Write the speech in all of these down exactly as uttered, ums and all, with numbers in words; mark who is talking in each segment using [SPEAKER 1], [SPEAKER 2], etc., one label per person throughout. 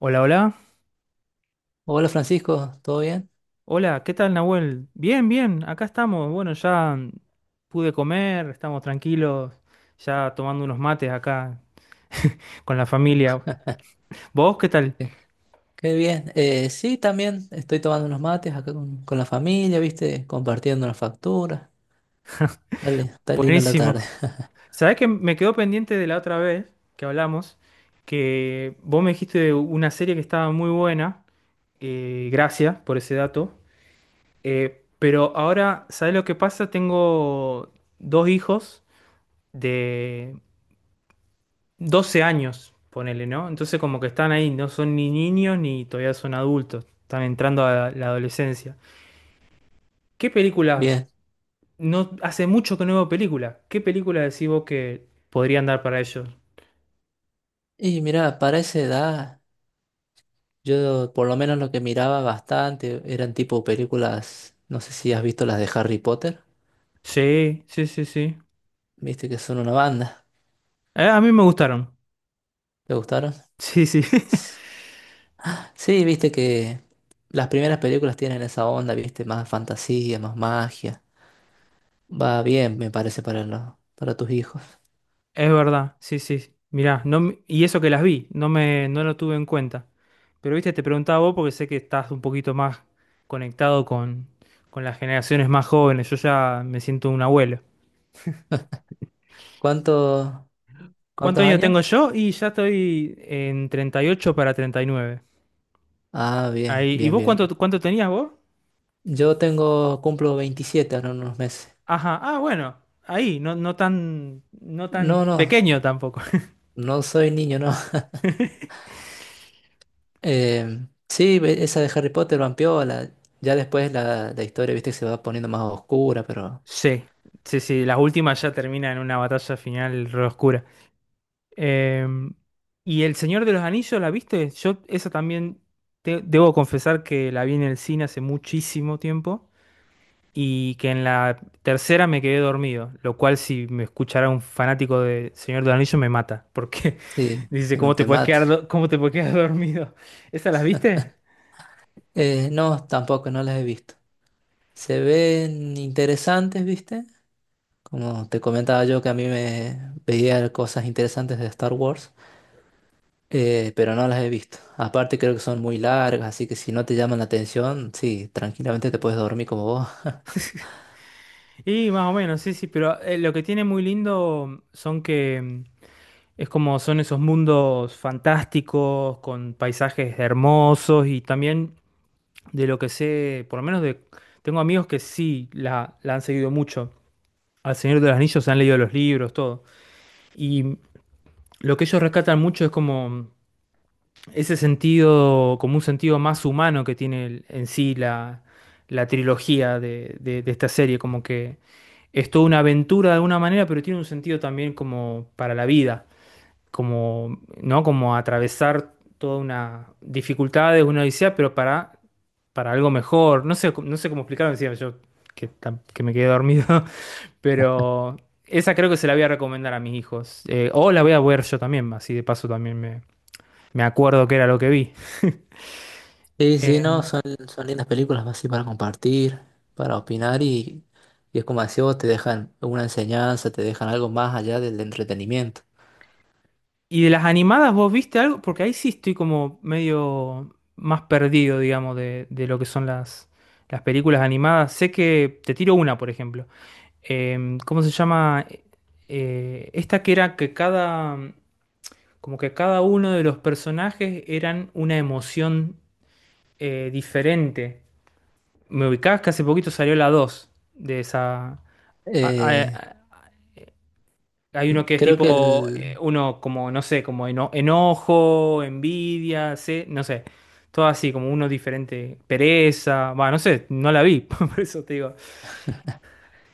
[SPEAKER 1] Hola, hola.
[SPEAKER 2] Hola Francisco, ¿todo bien?
[SPEAKER 1] Hola, ¿qué tal, Nahuel? Bien, bien, acá estamos. Bueno, ya mm, pude comer, estamos tranquilos, ya tomando unos mates acá con la familia.
[SPEAKER 2] Ah,
[SPEAKER 1] ¿Vos qué tal?
[SPEAKER 2] qué qué bien. Eh, sí, también estoy tomando unos mates acá con, con la familia, ¿viste? Compartiendo las facturas. Dale, está linda la
[SPEAKER 1] Buenísimo.
[SPEAKER 2] tarde.
[SPEAKER 1] ¿Sabés que me quedó pendiente de la otra vez que hablamos? Que vos me dijiste de una serie que estaba muy buena. eh, gracias por ese dato. Eh, pero ahora, ¿sabés lo que pasa? Tengo dos hijos de doce años, ponele, ¿no? Entonces como que están ahí, no son ni niños ni todavía son adultos, están entrando a la adolescencia. ¿Qué películas?
[SPEAKER 2] Bien.
[SPEAKER 1] No, hace mucho que no veo películas. ¿Qué películas decís vos que podrían dar para ellos?
[SPEAKER 2] Y mira, para esa edad, yo por lo menos lo que miraba bastante eran tipo películas, no sé si has visto las de Harry Potter,
[SPEAKER 1] Sí, sí, sí, sí.
[SPEAKER 2] ¿viste? Que son una banda.
[SPEAKER 1] Eh, a mí me gustaron.
[SPEAKER 2] ¿Te gustaron?
[SPEAKER 1] Sí, sí.
[SPEAKER 2] Sí, viste que las primeras películas tienen esa onda, ¿viste? Más fantasía, más magia. Va bien, me parece, para, lo- para tus hijos.
[SPEAKER 1] Es verdad, sí, sí. Mirá, no, me- y eso que las vi, no me, no lo tuve en cuenta. Pero viste, te preguntaba vos porque sé que estás un poquito más conectado con, con las generaciones más jóvenes. Yo ya me siento un abuelo.
[SPEAKER 2] ¿Cuántos, ¿Cuántos
[SPEAKER 1] ¿Cuántos años
[SPEAKER 2] años?
[SPEAKER 1] tengo yo? Y ya estoy en treinta y ocho para treinta y nueve.
[SPEAKER 2] Ah, bien,
[SPEAKER 1] Ahí. ¿Y
[SPEAKER 2] bien,
[SPEAKER 1] vos
[SPEAKER 2] bien,
[SPEAKER 1] cuánto,
[SPEAKER 2] bien.
[SPEAKER 1] cuánto tenías vos?
[SPEAKER 2] Yo tengo, cumplo veintisiete ahora en unos meses.
[SPEAKER 1] Ajá, ah, bueno, ahí, no, no tan, no tan
[SPEAKER 2] No, no,
[SPEAKER 1] pequeño tampoco.
[SPEAKER 2] no soy niño, no. Eh, sí, ve- esa de Harry Potter, Vampiola. Ya después la, la historia, viste, se va poniendo más oscura, pero
[SPEAKER 1] Sí, sí, sí, las últimas ya terminan en una batalla final re oscura. Eh, ¿y El Señor de los Anillos la viste? Yo esa también te- debo confesar que la vi en el cine hace muchísimo tiempo. y que en la tercera me quedé dormido, lo cual si me escuchara un fanático de Señor del Anillo me mata, porque
[SPEAKER 2] sí,
[SPEAKER 1] dice,
[SPEAKER 2] te,
[SPEAKER 1] ¿cómo te
[SPEAKER 2] te
[SPEAKER 1] puedes
[SPEAKER 2] mata.
[SPEAKER 1] quedar, do- cómo te puedes quedar dormido? ¿Esas las viste?
[SPEAKER 2] Eh, no, tampoco, no las he visto. Se ven interesantes, viste. Como te comentaba yo que a mí me veía cosas interesantes de Star Wars. Eh, pero no las he visto. Aparte creo que son muy largas, así que si no te llaman la atención, sí, tranquilamente te puedes dormir como vos.
[SPEAKER 1] Y más o menos, sí, sí, pero eh, lo que tiene muy lindo son que mm, es como son esos mundos fantásticos, con paisajes hermosos y también de lo que sé, por lo menos de, tengo amigos que sí la, la han seguido mucho. Al Señor de los Anillos se han leído los libros, todo. Y lo que ellos rescatan mucho es como ese sentido, como un sentido más humano que tiene el- en sí la, la trilogía de, de- de esta serie, como que es toda una aventura de alguna manera, pero tiene un sentido también como para la vida, como, ¿no? Como atravesar toda una dificultad, una odisea, pero para para algo mejor. No sé, no sé cómo explicarlo decía yo que, tam- que me quedé dormido, pero esa creo que se la voy a recomendar a mis hijos. Eh, o la voy a ver yo también, así de paso también me, me acuerdo que era lo que vi.
[SPEAKER 2] Sí, sí,
[SPEAKER 1] Eh,
[SPEAKER 2] no, son, son lindas películas así para compartir, para opinar y, y es como decís vos, te dejan una enseñanza, te dejan algo más allá del entretenimiento.
[SPEAKER 1] y de las animadas, ¿vos viste algo? Porque ahí sí estoy como medio más perdido, digamos, de, de lo que son las, las películas animadas. Sé que te tiro una, por ejemplo. Em, ¿cómo se llama? Eh, esta que era que cada... Como que cada uno de los personajes eran una emoción eh, diferente. Me ubicás que hace poquito salió la dos de esa. a-
[SPEAKER 2] Eh,
[SPEAKER 1] a- Hay uno que es
[SPEAKER 2] creo que
[SPEAKER 1] tipo, eh,
[SPEAKER 2] el,
[SPEAKER 1] uno como, no sé, como eno- enojo, envidia, se- no sé. Todo así, como uno diferente. Pereza, va, no sé, no la vi, por eso te digo.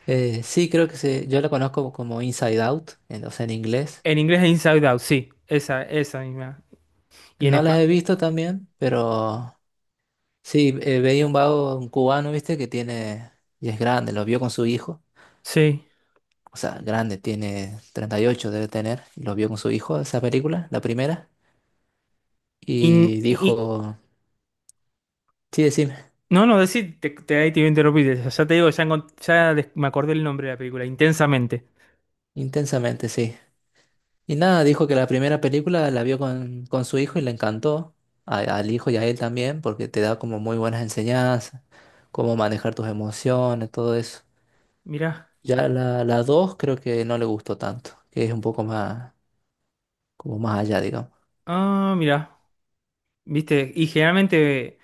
[SPEAKER 2] eh, sí, creo que se, yo la conozco como Inside Out, en, o sea, en inglés.
[SPEAKER 1] En inglés es Inside Out, sí, esa, esa misma. Y en
[SPEAKER 2] No las
[SPEAKER 1] español,
[SPEAKER 2] he visto también, pero sí, eh, veía un vago, un cubano, viste, que tiene, y es grande, lo vio con su hijo,
[SPEAKER 1] sí.
[SPEAKER 2] o sea, grande, tiene treinta y ocho debe tener, y lo vio con su hijo, esa película, la primera,
[SPEAKER 1] In-
[SPEAKER 2] y
[SPEAKER 1] i-
[SPEAKER 2] dijo, sí, decime,
[SPEAKER 1] No, no, decir, te, te, ahí te iba a interrumpir. Ya te digo, ya, encont- ya des- me acordé el nombre de la película, Intensamente.
[SPEAKER 2] intensamente, sí. Y nada, dijo que la primera película la vio con, con su hijo y le encantó, a- al hijo y a él también, porque te da como muy buenas enseñanzas, cómo manejar tus emociones, todo eso.
[SPEAKER 1] Mirá,
[SPEAKER 2] Ya la, la dos creo que no le gustó tanto, que es un poco más, como más allá, digamos.
[SPEAKER 1] ah, mirá, viste, y generalmente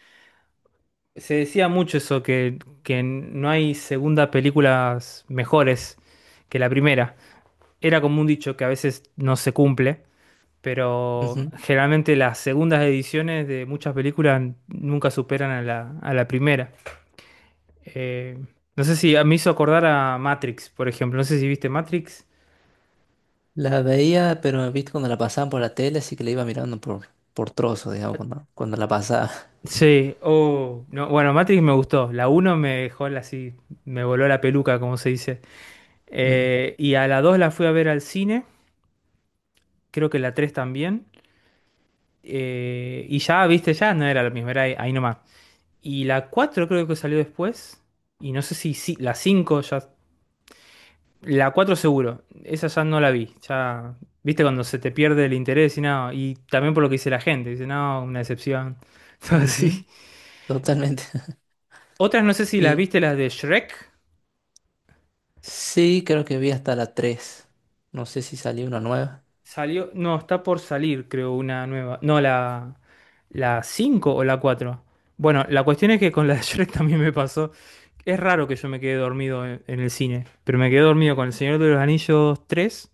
[SPEAKER 1] se decía mucho eso, que, que no hay segunda películas mejores que la primera. Era como un dicho que a veces no se cumple, pero generalmente las segundas ediciones de muchas películas nunca superan a la, a la primera. Eh, no sé si ah, me hizo acordar a Matrix, por ejemplo. No sé si viste Matrix.
[SPEAKER 2] La veía, pero viste cuando la pasaban por la tele, así que la iba mirando por, por trozos, digamos, cuando, cuando la pasaba.
[SPEAKER 1] Sí, oh, no, bueno, Matrix me gustó. La uno me dejó la- así, me voló la peluca, como se dice.
[SPEAKER 2] Mm,
[SPEAKER 1] Eh, y a la dos la fui a ver al cine, creo que la tres también. Eh, y ya, viste, ya no era lo mismo, era ahí, ahí nomás. Y la cuatro creo que salió después. Y no sé si, si- la cinco ya. La cuatro seguro, esa ya no la vi. Ya, viste, cuando se te pierde el interés y nada. Y también por lo que dice la gente, dice, no, una decepción. Todo
[SPEAKER 2] ujú,
[SPEAKER 1] así.
[SPEAKER 2] totalmente.
[SPEAKER 1] Otras no sé si las
[SPEAKER 2] Y
[SPEAKER 1] viste, las de Shrek.
[SPEAKER 2] sí, creo que vi hasta la tres. No sé si salió una nueva.
[SPEAKER 1] Salió, no, está por salir, creo, una nueva. No, la, la cinco o la cuatro. Bueno, la cuestión es que con la de Shrek también me pasó. Es raro que yo me quede dormido en, en el cine, pero me quedé dormido con El Señor de los Anillos tres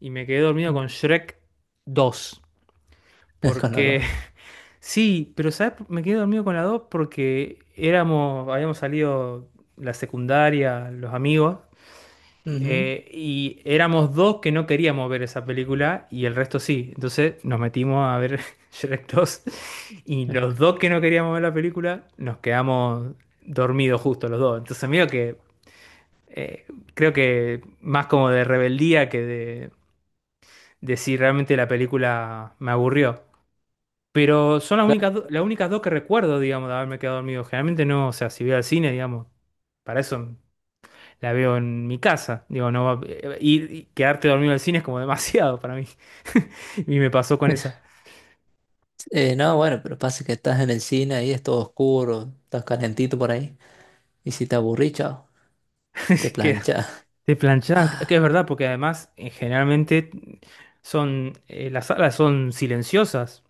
[SPEAKER 1] y me quedé dormido
[SPEAKER 2] Mm.
[SPEAKER 1] con Shrek dos.
[SPEAKER 2] Con la dos.
[SPEAKER 1] Porque, sí, pero ¿sabes? Me quedé dormido con la dos porque éramos, habíamos salido la secundaria, los amigos,
[SPEAKER 2] Ujú.
[SPEAKER 1] eh, y éramos dos que no queríamos ver esa película y el resto sí. Entonces nos metimos a ver Shrek dos y los dos que no queríamos ver la película nos quedamos dormidos justo los dos. Entonces mira que eh, creo que más como de rebeldía que de, de si realmente la película me aburrió. Pero son las
[SPEAKER 2] Claro.
[SPEAKER 1] únicas, do- las únicas dos que recuerdo, digamos, de haberme quedado dormido. Generalmente no, o sea, si voy al cine, digamos, para eso la veo en mi casa. Digo, no va- eh, ir y quedarte dormido en el cine es como demasiado para mí. Y me pasó con esa.
[SPEAKER 2] Eh, no, bueno, pero pasa que estás en el cine ahí, es todo oscuro, estás calentito por ahí. Y si te aburrís, chao, te
[SPEAKER 1] Que
[SPEAKER 2] planchas.
[SPEAKER 1] te planchás, que es verdad, porque además eh, generalmente son eh, las salas son silenciosas.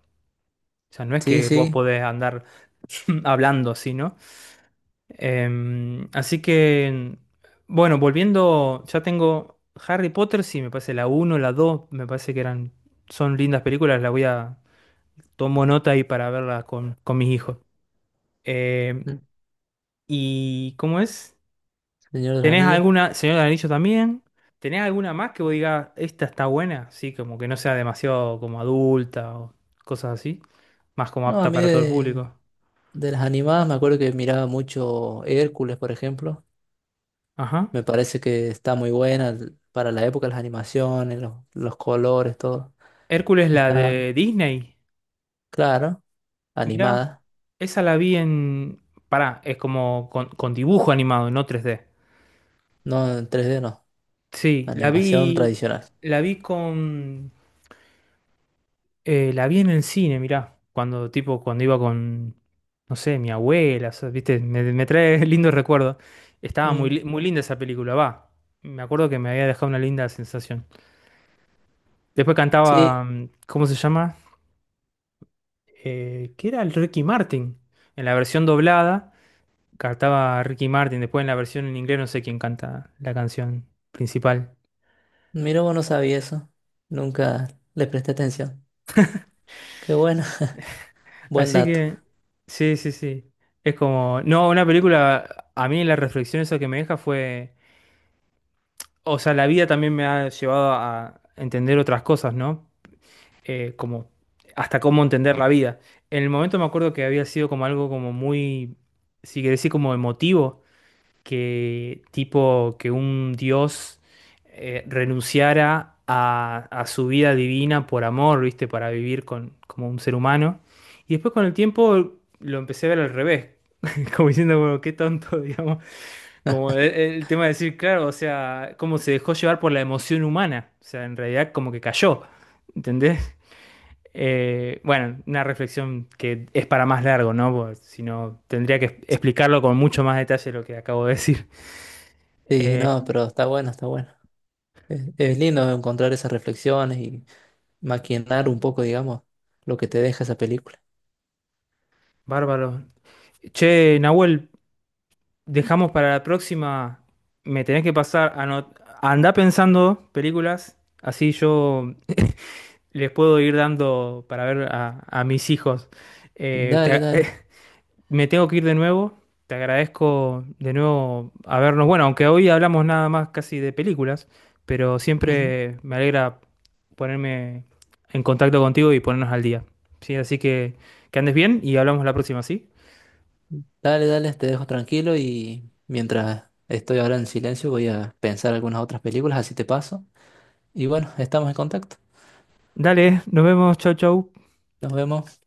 [SPEAKER 1] O sea, no es
[SPEAKER 2] Sí,
[SPEAKER 1] que vos
[SPEAKER 2] sí,
[SPEAKER 1] podés andar hablando así, ¿no? Em, así que, bueno, volviendo, ya tengo Harry Potter, sí, me parece la uno la dos me parece que eran, son lindas películas, la voy a, tomo nota ahí para verlas con, con mis hijos. Eh,
[SPEAKER 2] mm,
[SPEAKER 1] ¿Y cómo es?
[SPEAKER 2] Señor de los
[SPEAKER 1] ¿Tenés
[SPEAKER 2] Anillos.
[SPEAKER 1] alguna, señor del Anillo también? ¿Tenés alguna más que vos digas, esta está buena? Sí, como que no sea demasiado como adulta o cosas así. Más como
[SPEAKER 2] No, a
[SPEAKER 1] apta
[SPEAKER 2] mí
[SPEAKER 1] para todo el
[SPEAKER 2] de,
[SPEAKER 1] público.
[SPEAKER 2] de las animadas me acuerdo que miraba mucho Hércules, por ejemplo.
[SPEAKER 1] Ajá.
[SPEAKER 2] Me parece que está muy buena l- para la época, las animaciones, los, los colores, todo.
[SPEAKER 1] Hércules, la
[SPEAKER 2] Está,
[SPEAKER 1] de Disney.
[SPEAKER 2] claro,
[SPEAKER 1] Mirá,
[SPEAKER 2] animada.
[SPEAKER 1] esa la vi en... Pará, es como con, con dibujo animado, no tres d.
[SPEAKER 2] No en tres D, no.
[SPEAKER 1] Sí, la
[SPEAKER 2] Animación
[SPEAKER 1] vi,
[SPEAKER 2] tradicional.
[SPEAKER 1] la vi con. Eh, la vi en el cine, mirá, cuando tipo, cuando iba con, no sé, mi abuela, o sea, viste, me, me trae lindos recuerdos. Estaba muy,
[SPEAKER 2] Mm,
[SPEAKER 1] li- muy linda esa película, va. Me acuerdo que me había dejado una linda sensación. Después
[SPEAKER 2] sí,
[SPEAKER 1] cantaba, mm, ¿cómo se llama? Eh, ¿qué era el Ricky Martin? En la versión doblada cantaba Ricky Martin, después en la versión en inglés no sé quién canta la canción principal.
[SPEAKER 2] mira, vos no sabía eso. Nunca le presté atención. Qué bueno, buen
[SPEAKER 1] Así
[SPEAKER 2] dato.
[SPEAKER 1] que, sí, sí, sí. Es como, no, una película, a mí la reflexión esa que me deja fue... O sea, la vida también me ha llevado a entender otras cosas, ¿no? Eh, como hasta cómo entender la vida. En el momento me acuerdo que había sido como algo como muy, si querés decir, como emotivo, que tipo que un dios eh, renunciara a, a su vida divina por amor, ¿viste? Para vivir con, como un ser humano. Y después con el tiempo lo empecé a ver al revés, como diciendo, bueno, qué tonto, digamos. Como el, el tema de decir, claro, o sea, cómo se dejó llevar por la emoción humana. O sea, en realidad como que cayó, ¿entendés? Eh, bueno, una reflexión que es para más largo, ¿no? Porque si no, tendría que es- explicarlo con mucho más detalle lo que acabo de decir.
[SPEAKER 2] Sí,
[SPEAKER 1] Eh,
[SPEAKER 2] no, pero está bueno, está bueno. Es, es lindo encontrar esas reflexiones y maquinar un poco, digamos, lo que te deja esa película.
[SPEAKER 1] bárbaro. Che, Nahuel, dejamos para la próxima. Me tenés que pasar a no... Andá pensando películas, así yo les puedo ir dando para ver a, a mis hijos. Eh,
[SPEAKER 2] Dale,
[SPEAKER 1] te-
[SPEAKER 2] dale.
[SPEAKER 1] Me tengo que ir de nuevo. Te agradezco de nuevo habernos. Bueno, aunque hoy hablamos nada más casi de películas, pero
[SPEAKER 2] Ujú.
[SPEAKER 1] siempre me alegra ponerme en contacto contigo y ponernos al día. Sí, así que que andes bien y hablamos la próxima, ¿sí?
[SPEAKER 2] Dale, dale, te dejo tranquilo y mientras estoy ahora en silencio voy a pensar algunas otras películas, así te paso. Y bueno, estamos en contacto.
[SPEAKER 1] Dale, nos vemos. Chau, chau.
[SPEAKER 2] Nos vemos.